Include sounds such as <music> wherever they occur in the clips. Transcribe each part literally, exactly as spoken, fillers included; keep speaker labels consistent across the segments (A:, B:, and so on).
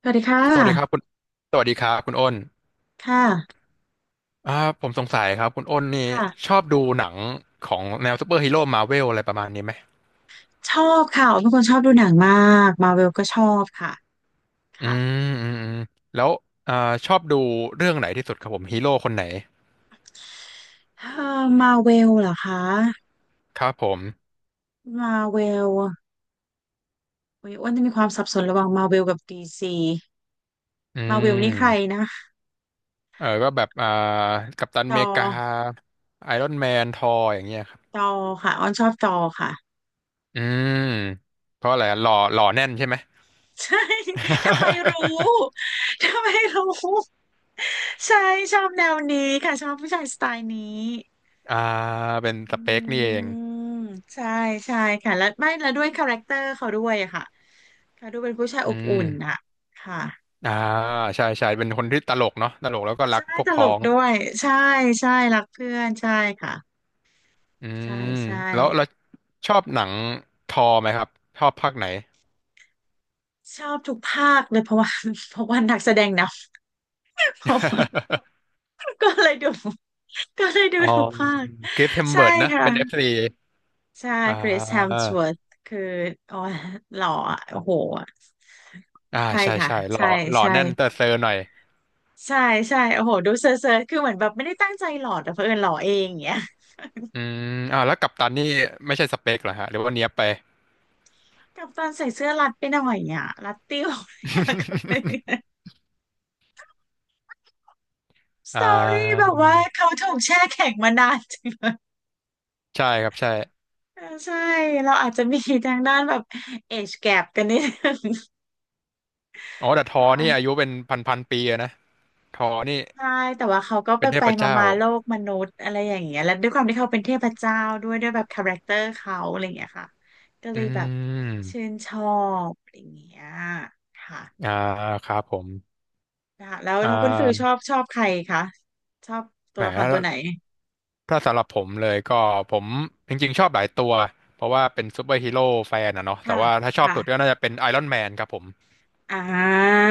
A: สวัสดีค่ะ
B: สวัสดีครับคุณสวัสดีครับคุณอ้น
A: ค่ะ
B: อ่าผมสงสัยครับคุณอ้นนี่
A: ค่ะ
B: ชอบดูหนังของแนวซูเปอร์ฮีโร่มาเวลอะไรประมาณนี้ไหม
A: ชอบค่ะอ๋อเป็นคนชอบดูหนังมากมาเวลก็ชอบค่ะ
B: อื
A: ค่ะ
B: มอืมอืมแล้วอ่าชอบดูเรื่องไหนที่สุดครับผมฮีโร่คนไหน
A: เอ่อมาเวลเหรอคะ
B: ครับผม
A: มาเวลโอ้ยอ้วนจะมีความสับสนระหว่างมาเวลกับดีซี
B: อื
A: มาเวลนี่ใคร
B: ม
A: นะ
B: เออก็แบบอ่ากัปตัน
A: จ
B: อ
A: อ
B: เมริกาไอรอนแมนทอร์อย่างเงี้ยครับ
A: จอค่ะอ้อนชอบจอค่ะ
B: อืมเพราะอะไรหล่อหล่อแน่นใช่ไหม
A: <laughs> ใช่ <laughs> ทำไมรู้
B: <laughs>
A: ทำไมรู้ ใช่ ชอบแนวนี้ค่ะ ชอบผู้ชายสไตล์นี้
B: อ่าเป็น
A: อื
B: สเปคนี่เอง
A: มใช่ใช่ค่ะแล้วไม่แล้วด้วยคาแรคเตอร์เขาด้วยอะค่ะ ค่ะดูเป็นผู้ชาย
B: อื
A: อบอุ่นน่ะ
B: ม
A: ค่ะ
B: อ่าใช่ใช่เป็นคนที่ตลกเนาะตลกแล้วก็รั
A: ใช่
B: กพวก
A: ตล
B: พ้อ
A: ก
B: ง
A: ด้วยใช่ใช่รักเพื่อนใช่ค่ะ
B: อื
A: ใช่
B: ม
A: ใช่
B: แล้วเราชอบหนังทอไหมครับชอบภาคไหน
A: ชอบทุกภาคเลยเพราะว่า <laughs> เพราะว่านักแสดงนำ <laughs> เพราะว่า
B: <laughs>
A: ก็เลยดู <laughs> ก็เลยดู
B: อ๋อ
A: ทุกภาค
B: คริสเฮมส
A: ใช่
B: เวิร์ดนะเป็นเอฟ
A: ค่ะ
B: ซี
A: ใช่
B: อ่
A: คริสแฮม
B: า
A: ส ดับเบิลยู ว อาร์ ที เอช คือโอ้ยหล่ออะโอ้โห
B: อ่า
A: ใช่
B: ใช่
A: ค่ะ
B: ใช่หล่อ
A: ใช่
B: หล่อ
A: ใช่
B: แน่นเตอร์เซอร์หน่อย
A: ใช่ใช่โอ้โหดูเซอร์เซอร์คือเหมือนแบบไม่ได้ตั้งใจหล่อดแต่เผอิญหล่อเองอย่างเงี้ย
B: อืมอ่าแล้วกัปตันนี่ไม่ใช่สเปคเหรอฮะหรือว่าเนี้ยบไป
A: กับตอนใส่เสื้อรัดไปหน่อยอ่ะรัดติ้วอยากกลับไปส
B: <laughs> อ่
A: ตอรี่แบ
B: า
A: บว่าเขาถูกแช่แข็งมานานจริงเลย
B: ใช่ครับใช่
A: เออใช่เราอาจจะมีทางด้านแบบเอ e แกปกันนิดนึง
B: อ๋อแต่ทอนี่อา
A: ค่ะ
B: ยุเป็นพันพันปีอะนะทอนี่
A: ใช่แต่ว่าเขาก็ไป
B: เป็นเท
A: ไป
B: พ
A: มา
B: เจ้า
A: มาๆโลกมนุษย์อะไรอย่างเงี้ยแล้วด้วยความที่เขาเป็นเทพเจ้าด้วยด้วยแบบคาแรคเตอร์เขาอะไรอย่างเงี้ยค่ะก็เล
B: อื
A: ยแบบชื่
B: ม
A: นชอบอะไรอย่างเงี้ยค่ะ
B: อ่าครับผม
A: นะคะแล้ว
B: อ่
A: เราคุณฟิลชอ
B: า
A: บชอบใครคะชอบตั
B: แหม
A: วละคร
B: ถ้า
A: ตัวไหน
B: ถ้าสำหรับผมเลยก็ผมจริงๆชอบหลายตัวเพราะว่าเป็นซูเปอร์ฮีโร่แฟนอะเนาะแต่
A: ค่ะ
B: ว่าถ้าชอบ
A: ค่ะ
B: สุดก็น่าจะเป็นไอรอนแมนครับผม
A: อ่า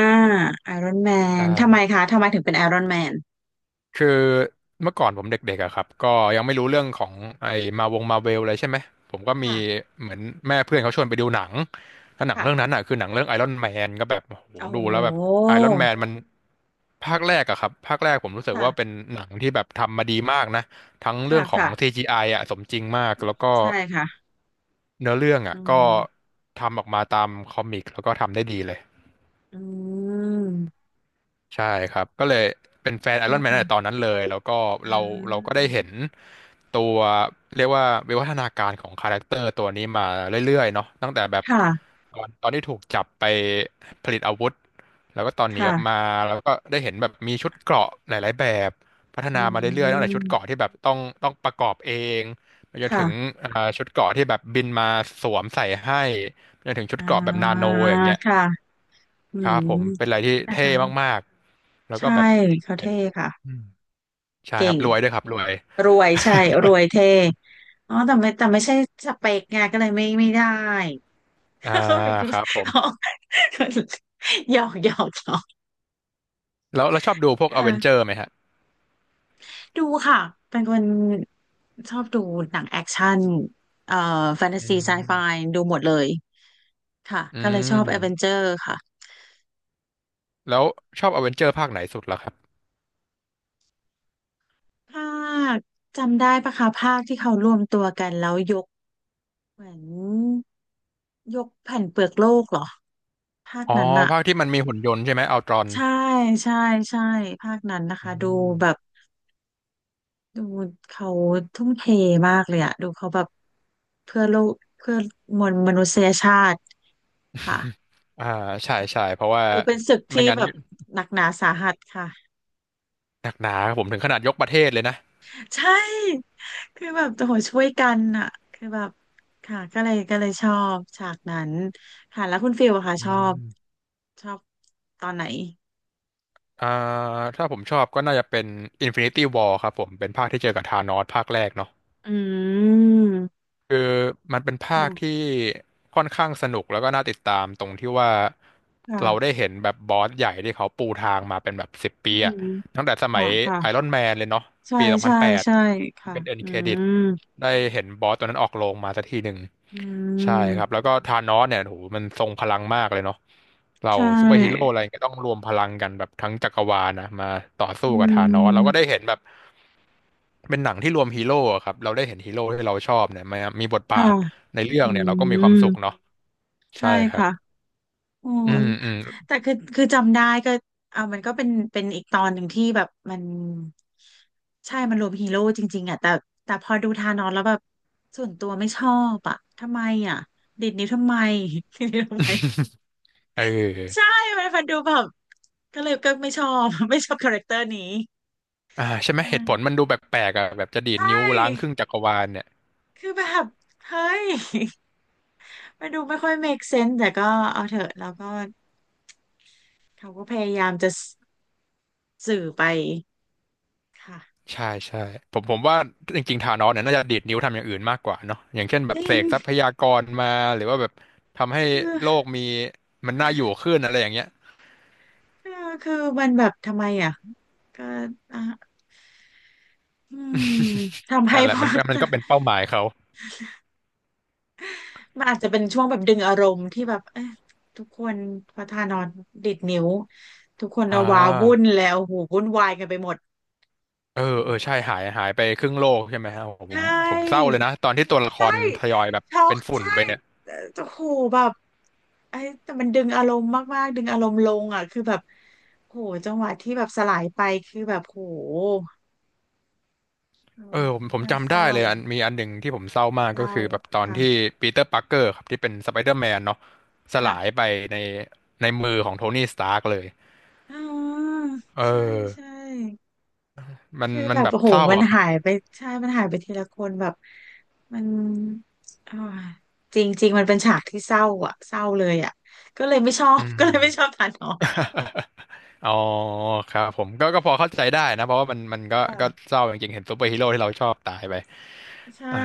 A: ไอรอนแม
B: ใช่
A: นทำไมคะทำไมถึงเป็นไอรอนแมน
B: คือเมื่อก่อนผมเด็กๆอะครับก็ยังไม่รู้เรื่องของไอ้มาวงมาเวลเลยใช่ไหมผมก็มี
A: ค่ะ
B: เหมือนแม่เพื่อนเขาชวนไปดูหนังแล้วหนังเรื่องนั้น
A: ค่ะ
B: อ่ะคือหนังเรื่องไอรอนแมนก็แบบโอ้โห
A: โอ้
B: ดู
A: โ
B: แล้วแบบ
A: ห
B: ไอรอนแมนมันภาคแรกอะครับภาคแรกผมรู้สึก
A: ค่ะ
B: ว่าเป็นหนังที่แบบทำมาดีมากนะทั้งเรื่
A: ค่ะ
B: องของ
A: ค่ะ
B: ซี จี ไอ ออะสมจริงมากแล้วก็
A: ใช่ค่ะ
B: เนื้อเรื่อง
A: อื
B: อะก็
A: ม
B: ทำออกมาตามคอมิกแล้วก็ทำได้ดีเลย
A: อืม
B: ใช่ครับก็เลยเป็นแฟน
A: ใช่
B: ไอรอนแมนตั้งแต่
A: ค่ะ
B: ตอนนั้นเลยแล้วก็
A: อ่
B: เราเราก็
A: า
B: ได้เห็นตัวเรียกว่าวิวัฒนาการของคาแรคเตอร์ตัวนี้มาเรื่อยๆเนาะตั้งแต่แบบ
A: ค่ะ
B: ตอนตอนที่ถูกจับไปผลิตอาวุธแล้วก็ตอนหนีออกมา
A: ค่ะ
B: แล้วก็ได้เห็นแบบมีชุดเกราะหลายๆแบบพัฒ
A: อื
B: นามาเรื่อยๆตั้งแต่ชุดเกราะ
A: ม
B: ที่แบบต้องต้องประกอบเองไปจนถึง
A: ค่ะ
B: อ่าชุดเกราะที่แบบบินมาสวมใส่ให้ไปจนถึงชุด
A: อ่
B: เกราะแบบนา
A: า
B: โนอย่างเงี้ย
A: ค่ะอื
B: ครั
A: ม
B: บผมเป็นอะไรที่
A: นะ
B: เท่
A: คะ
B: มากๆแล้วก็
A: ใช่
B: แบบ
A: เขา
B: เป็
A: เท่
B: น
A: ค่ะ
B: อืมใช่ค
A: เก่
B: รับ
A: ง
B: รวยด้วยครับรวย
A: รวยใช่รวยเท่อ๋อแต่ไม่แต่ไม่ใช่สเปกไงก็เลยไม่ไม่ได้
B: อ่า
A: <laughs> เขาแบบ
B: ครับผม
A: อ๋อ <laughs> หยอกหยอกหยอก
B: แล้วแล้วชอบดูพวกอเวนเจอ
A: ค่ะ
B: ร์ไหมฮะ
A: ดูค่ะ เป็นคนชอบดูหนังแอคชั่นเอ่อแฟนตา
B: อื
A: ซีไซไฟ
B: ม
A: ดูหมดเลยค่ะ
B: อื
A: ก็เลยชอบแอ วี เวนเจ
B: ม
A: อร์ค่ะ
B: แล้วชอบอเวนเจอร์ภาคไหนสุดล่ะครับ
A: ภาคจำได้ปะคะภาคที่เขารวมตัวกันแล้วยกเหมือนยกแผ่นเปลือกโลกเหรอ ภาค
B: อ๋อ
A: นั้นอะ
B: ภาคที่มันมีหุ่นยนต์ใช่ไหมอัลตรอน
A: ใช่ใช่ ใช่ ภาคนั้นนะ
B: อื
A: คะดู
B: ม
A: แบบ ดูเขาทุ่มเทมากเลยอะดูเขาแบบเพื่อโลกเพื่อมวลมนุษยชาติค่ะ
B: อ่าใช่ใช่เพราะว่า
A: ดูเป็นศึก
B: ไม่
A: ที่
B: งั้น
A: แบบหนักหนาสาหัสค่ะ
B: หนักหนาครับผมถึงขนาดยกประเทศเลยนะ
A: ใช่คือแบบโอ้โหช่วยกันอะคือแบบค่ะก็เลยก็เลยชอบฉากนั้นค่ะแล้วคุณฟิลอะค่ะ
B: อื
A: ชอบ
B: ม
A: ชอบตอนไหน
B: อ่าถ้าผมชอบก็น่าจะเป็น Infinity War ครับผมเป็นภาคที่เจอกับธานอสภาคแรกเนาะ
A: อืม
B: คือมันเป็นภาคที่
A: ค่ะ
B: ค่อนข้างสนุกแล้วก็น่าติดตามตรงที่ว่าเราได้
A: ค่ะ
B: เห็นแบบบอสใหญ่ที่เขาปูทางมาเป็นแบบสิบปี
A: อื
B: อะ
A: ม
B: ตั้งแต่สมั
A: ค่ะ
B: ย
A: ค่ะ
B: ไอรอนแมนเลยเนาะ
A: ใช่
B: ปีสองพั
A: ใช่
B: นแปด
A: ใช่ค่ะ
B: เป็นเอ็น
A: อื
B: เครดิต
A: ม
B: ได้เห็นบอสตัวนั้นออกโรงมาสักทีหนึ่ง
A: อื
B: ใช่ครับ
A: ม
B: แล้วก็ธานอสเนี่ยโหมันทรงพลังมากเลยเนาะเรา
A: ใช
B: ซูเปอร์ฮีโร่
A: ่
B: อะไรก็ต้องรวมพลังกันแบบทั้งจักรวาลนะมาต่อสู้
A: อื
B: กับธานอสเราก็ได้
A: ม
B: เห็นแบบเป็นหนังที่รวมฮีโร่อะครับเราได้เห็นฮีโร่ที่เราชอบเนี่ยมามีบทบา
A: ค่ะ
B: ทในเรื่อ
A: อื
B: งเนี่ยเราก็มีควา
A: ม
B: มสุขเนาะใช่
A: ใช่
B: ครับ
A: ค่ะโอ้
B: อืมอืม
A: แต่คือคือจำได้ก็เอามันก็เป็นเป็นอีกตอนหนึ่งที่แบบมันใช่มันรวมฮีโร่จริงๆอ่ะแต่แต่พอดูทานอสแล้วแบบส่วนตัวไม่ชอบอ่ะทำไมอ่ะดิดนิ้วทำไม <laughs> ดิดนิ้วทำไม
B: เอ
A: ใช่
B: อ
A: มันมันดูแบบก็เลยก็ไม่ชอบ <laughs> ไม่ชอบคาแรคเตอร์นี้
B: อ่าใช่ไหมเห
A: อื
B: ตุผล
A: ม
B: มันดูแปลกๆอ่ะแบบจะดีด
A: ใช่
B: นิ้วล้างครึ่งจักรวาลเนี่ย
A: คือแบบเฮ้ย <laughs> มันดูไม่ค่อย make sense แต่ก็เอาเถอะแล้วก็ เขาก็พยายามจะสสื่อไปค่ะ
B: ใช่ใช่ผมผมว่าจริงๆธานอสเนี่ยน่าจะดีดนิ้วทำอย่างอื่นมากกว่าเนาะอย่างเช่นแบ
A: จ
B: บ
A: ริ
B: เส
A: ง
B: กทรัพยากรมาหรือว่าแบบทำให้
A: ค
B: โล
A: ือ
B: กมีมันน่าอยู่ขึ้นอะไรอย่างเงี้ย
A: คือคือมันแบบทำไมอ่ะก็อ่ะอืมทำให้
B: นั่นแห
A: พ
B: ละมั
A: ว
B: น
A: ก
B: มันก็
A: <laughs>
B: เป็นเป้าหมายเขา
A: มันอาจจะเป็นช่วงแบบดึงอารมณ์ที่แบบเอ๊ะทุกคนพอทานอนดิดนิ้วทุกคน
B: อ่
A: เอาวาวุ่น
B: า
A: แล้วโอ้โหวุ่นวายกันไปหมด
B: เออ
A: โอ้
B: เออ
A: โห
B: ใช่หายหายไปครึ่งโลกใช่ไหมฮะโอ้โหผม
A: ใช่
B: ผมเศร้าเลยนะตอนที่ตัวละค
A: ใช่
B: รทยอยแบบ
A: ช็อ
B: เป็
A: ก
B: นฝุ่น
A: ใช่
B: ไปเนี่ย
A: เอ่อโอ้โหแบบไอ้แต่มันดึงอารมณ์มากๆดึงอารมณ์ลงอ่ะคือแบบโหจังหวะที่แบบสลายไปคือแบบโหเอ้
B: เอ
A: ย
B: อผมผม
A: น่าเศ
B: จำได้
A: ร้า
B: เลยอันมีอันหนึ่งที่ผมเศร้ามาก
A: เศ
B: ก็
A: ร้า
B: คือแบบตอน
A: ค่ะ
B: ที่ปีเตอร์ปาร์เกอร์ครับที่เป็นสไปเดอร์แมนเนาะส
A: ค่ะ
B: ลายไปในในมือของโทนี่สตาร์กเลย
A: อ๋อ
B: เออ
A: ใช่ใช่
B: มัน
A: คือ
B: มั
A: แบ
B: น
A: บ
B: แบบ
A: โอ้โห
B: เศร้า
A: มัน
B: อะครับ
A: หายไปใช่มันหายไปทีละคนแบบมันอ่าจริงจริงมันเป็นฉากที่เศร้าอ่ะเศร้าเลยอ่ะก็เลยไม่ชอบ
B: อืม
A: <laughs> ก็เลยไม่ชอบทานออก
B: อ๋อครับผมก็ก็พอเข้าใจได้นะเพราะว่ามันมันก็ก็
A: ค่ะ
B: เศร้าจริงๆเห็นซูเปอร์ฮีโร่ที่เราชอบตายไป
A: ใช่
B: อ่า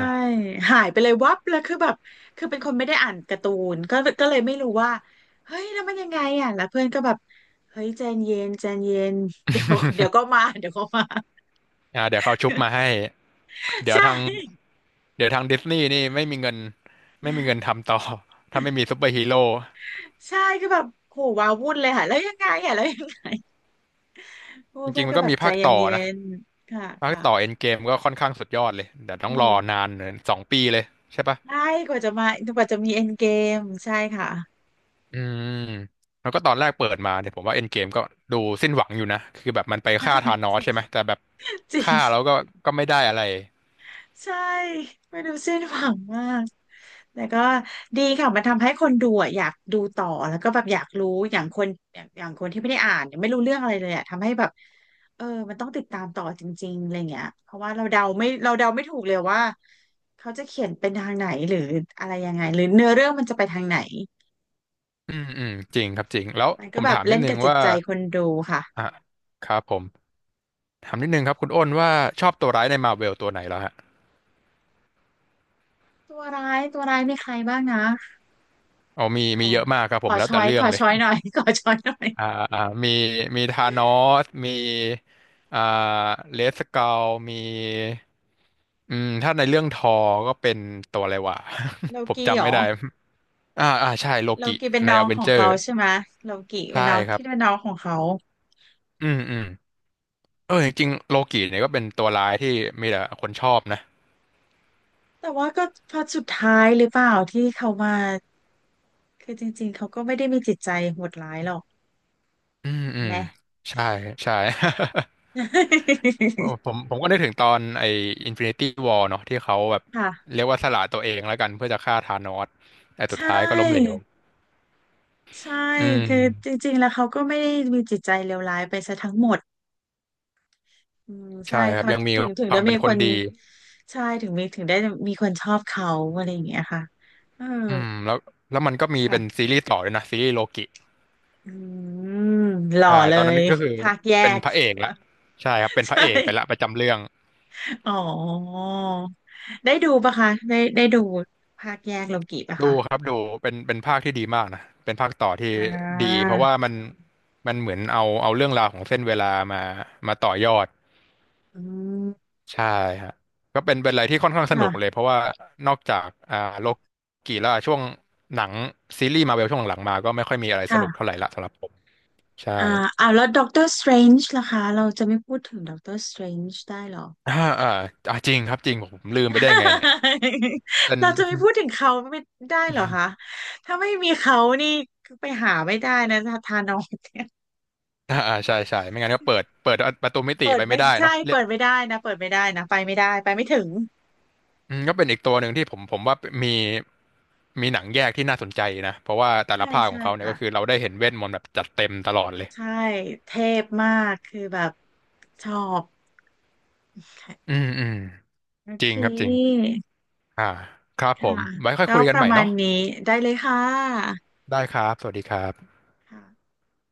A: หายไปเลยวับแล้วคือแบบคือเป็นคนไม่ได้อ่านการ์ตูนก็ก็เลยไม่รู้ว่าเฮ้ยแล้วมันยังไงอ่ะแล้วเพื่อนก็แบบเฮ้ยใจเย็นใจเย็นเดี๋ยวเดี๋ยวก็มาเดี๋ยวก็มา
B: อ่าเดี๋ยวเขาชุบมาให้เดี๋
A: ใช
B: ยวทาง
A: ่
B: เดี๋ยวทางดิสนีย์นี่ไม่มีเงินไม่มีเงินทำต่อ <laughs> ถ้าไม่มีซูเปอร์ฮีโร่
A: ใช่คือแบบโหว้าวุ่นเลยค่ะแล้วยังไงอ่ะแล้วยังไงโอ้
B: จ
A: เพื่
B: ริ
A: อ
B: ง
A: น
B: ๆมั
A: ก็
B: นก็
A: แบบ
B: มี
A: ใจ
B: ภาค
A: เ
B: ต่อ
A: ย็
B: นะ
A: นๆค่ะ
B: ภาค
A: ค่ะ
B: ต่อเอ็นเกมก็ค่อนข้างสุดยอดเลยเดี๋ยวต้อ
A: อื
B: งร
A: ม
B: อนานเลยสองปีเลยใช่ปะ
A: ใช่กว่าจะมากว่าจะมีเอ็นเกมใช่ค่ะ
B: อืมแล้วก็ตอนแรกเปิดมาเนี่ยผมว่าเอ็นเกมก็ดูสิ้นหวังอยู่นะคือแบบมันไปฆ่าธา
A: <laughs>
B: นอสใช่ไหมแต่
A: จ
B: แบบ
A: ริง
B: ฆ่าแล้วก็ก็ไม่ได้อะไร
A: ใช่ไม่ดูสิ้นหวังมากแต่ก็ดีค่ะมันทำให้คนดูอะอยากดูต่อแล้วก็แบบอยากรู้อย่างคนอย่างอย่างคนที่ไม่ได้อ่านเนี่ยไม่รู้เรื่องอะไรเลยอะทำให้แบบเออมันต้องติดตามต่อจริงๆอะไรเงี้ยเพราะว่าเราเดาไม่เราเดาไม่ถูกเลยว่าเขาจะเขียนเป็นทางไหนหรืออะไรยังไงหรือเนื้อเรื่องมันจะไปทางไหน
B: อืมอืมจริงครับจริงแล้ว
A: มัน
B: ผ
A: ก็
B: ม
A: แบบ
B: ถามนิ
A: เล่
B: ด
A: น
B: นึ
A: กั
B: ง
A: บจิต
B: ว่า
A: ใจคนดูค่ะ
B: อ่ะครับผมถามนิดนึงครับคุณอ้นว่าชอบตัวร้ายในมาร์เวลตัวไหนแล้วฮะ
A: ตัวร้ายตัวร้ายมีใครบ้างนะ
B: อ๋อมี
A: ข
B: มี
A: อ
B: เยอะมากครับ
A: ข
B: ผ
A: อ
B: มแล้ว
A: ช้
B: แต่
A: อย
B: เรื่
A: ข
B: อง
A: อ
B: เลย
A: ช้อยหน่อย <laughs> ขอช้อยหน่อย
B: อ่าอ่ามีมีธานอสมีอ่าเลสเกลมีอืมถ้าในเรื่องทอก็เป็นตัวอะไรวะ
A: โล
B: <laughs> ผม
A: กี้เหร
B: จำไม่
A: อ
B: ได้ อ่าอ่าใช่โล
A: โล
B: กิ
A: กิเป็น
B: ใน
A: น้อ
B: อ
A: ง
B: เว
A: ข
B: น
A: อง
B: เจอ
A: เขา
B: ร์
A: ใช่ไหมโลกิเป็
B: ใช่
A: นน้อง
B: ครับ
A: ที่เป็นน้องของเขา
B: อืมอืมเออจริงๆโลกิเนี่ยก็เป็นตัวร้ายที่มีแต่คนชอบนะ
A: แต่ว่าก็พอสุดท้ายหรือเปล่าที่เขามาคือจริงๆเขาก็ไม่ได้มีจิตใจโหดร้ายหรอก
B: อืมอืม
A: แม่
B: ใช่ใช่
A: <laughs>
B: <laughs> ผมผมก็นึกถึงตอนไอ้ Infinity War เนาะที่เขาแบบ
A: ค่ะ
B: เรียกว่าสละตัวเองแล้วกันเพื่อจะฆ่าธานอสแต่สุ
A: ใช
B: ดท้ายก็ล้มเหลว
A: ่ใช่
B: อืม
A: คือจริงๆแล้วเขาก็ไม่ได้มีจิตใจเลวร้ายไปซะทั้งหมดอืมใช่
B: ใช่ครับ
A: เขา
B: ยังมี
A: ถึงถึง
B: ค
A: ได้
B: วามเป็
A: มี
B: นค
A: ค
B: น
A: น
B: ดี
A: ใช่ถึงมีถึงได้มีคนชอบเขาอะไรอย่างเงี้ยค่ะเออ
B: อืมแล้วแล้วมันก็มีเป็น
A: ค่ะ
B: ซีรีส์ต่อด้วยนะซีรีส์โลกิ
A: อืมหล่อ
B: ใช่
A: เล
B: ตอนนั้
A: ย
B: นก็คือ
A: ภาคแย
B: เป็น
A: ก
B: พระเอกละใช่ครับเป็นพระ
A: ใช่
B: เอกไปละประจำเรื่อง
A: อ๋อได้ดูปะคะได้ได้ดูภาคแยกโลกิปะ
B: ดู
A: คะ
B: ครับดูเป็นเป็นภาคที่ดีมากนะเป็นภาคต่อที่
A: อ่
B: ดี
A: า
B: เพราะว่ามันมันเหมือนเอาเอาเรื่องราวของเส้นเวลามามาต่อยอด
A: อืม
B: ใช่ฮะก็เป็นเป็นอะไรที่ค่อนข้างสนุกเลย
A: ค่ะ
B: เพราะว่านอกจากอ่าโลกีแล้วช่วงหนังซีรีส์มาเวลช่วงหลังๆมาก็ไม่ค่อยมีอะไรสนุกเท่าไห
A: ค่ะ
B: ร่ละสำหรับผมใช่
A: อ่าอ่าแล้วด็อกเตอร์สเตรนจ์ล่ะคะเราจะไม่พูดถึงด็อกเตอร์สเตรนจ์ได้เหรอ
B: อ่าอ่าอ่าจริงครับจริงผมลืมไปได้ไงเนี่ย
A: <laughs>
B: เป็น
A: เราจะไม่พูดถึงเขาไม่ได้เหรอคะถ้าไม่มีเขานี่ไปหาไม่ได้นะทานอส
B: อ่าอ่าใช่ใช่ไม่งั้นก็เปิดเปิดประตูมิติ
A: เปิ
B: ไป
A: ด
B: ไม่
A: ไม่
B: ได้
A: ใช่
B: เนาะเรี
A: เปิ
B: ยก
A: ดไม่ได้นะเปิดไม่ได้นะไปไม่ได้ไปไม่ถึง
B: อืมก็เป็นอีกตัวหนึ่งที่ผมผมว่ามี มีหนังแยกที่น่าสนใจนะเพราะว่าแต่ละ
A: ใช่
B: ภาคขอ
A: ใช่
B: งเขาเนี่ย
A: ค่ะ
B: ก็คือเราได้เห็นเวทมนต์แบบจัดเต็มตลอดเลย
A: ใช่เทพมากคือแบบชอบ
B: อืมอืม
A: โอ
B: จ
A: เค
B: ริงครับจริงอ่าครับผ
A: ค่ะ
B: มไว้ค่อย
A: ก็
B: คุยกั
A: ป
B: นให
A: ระ
B: ม่
A: มาณ
B: เนาะ
A: นี้ได้เลยค่ะ
B: ได้ครับสวัสดีครับ
A: ค่ะ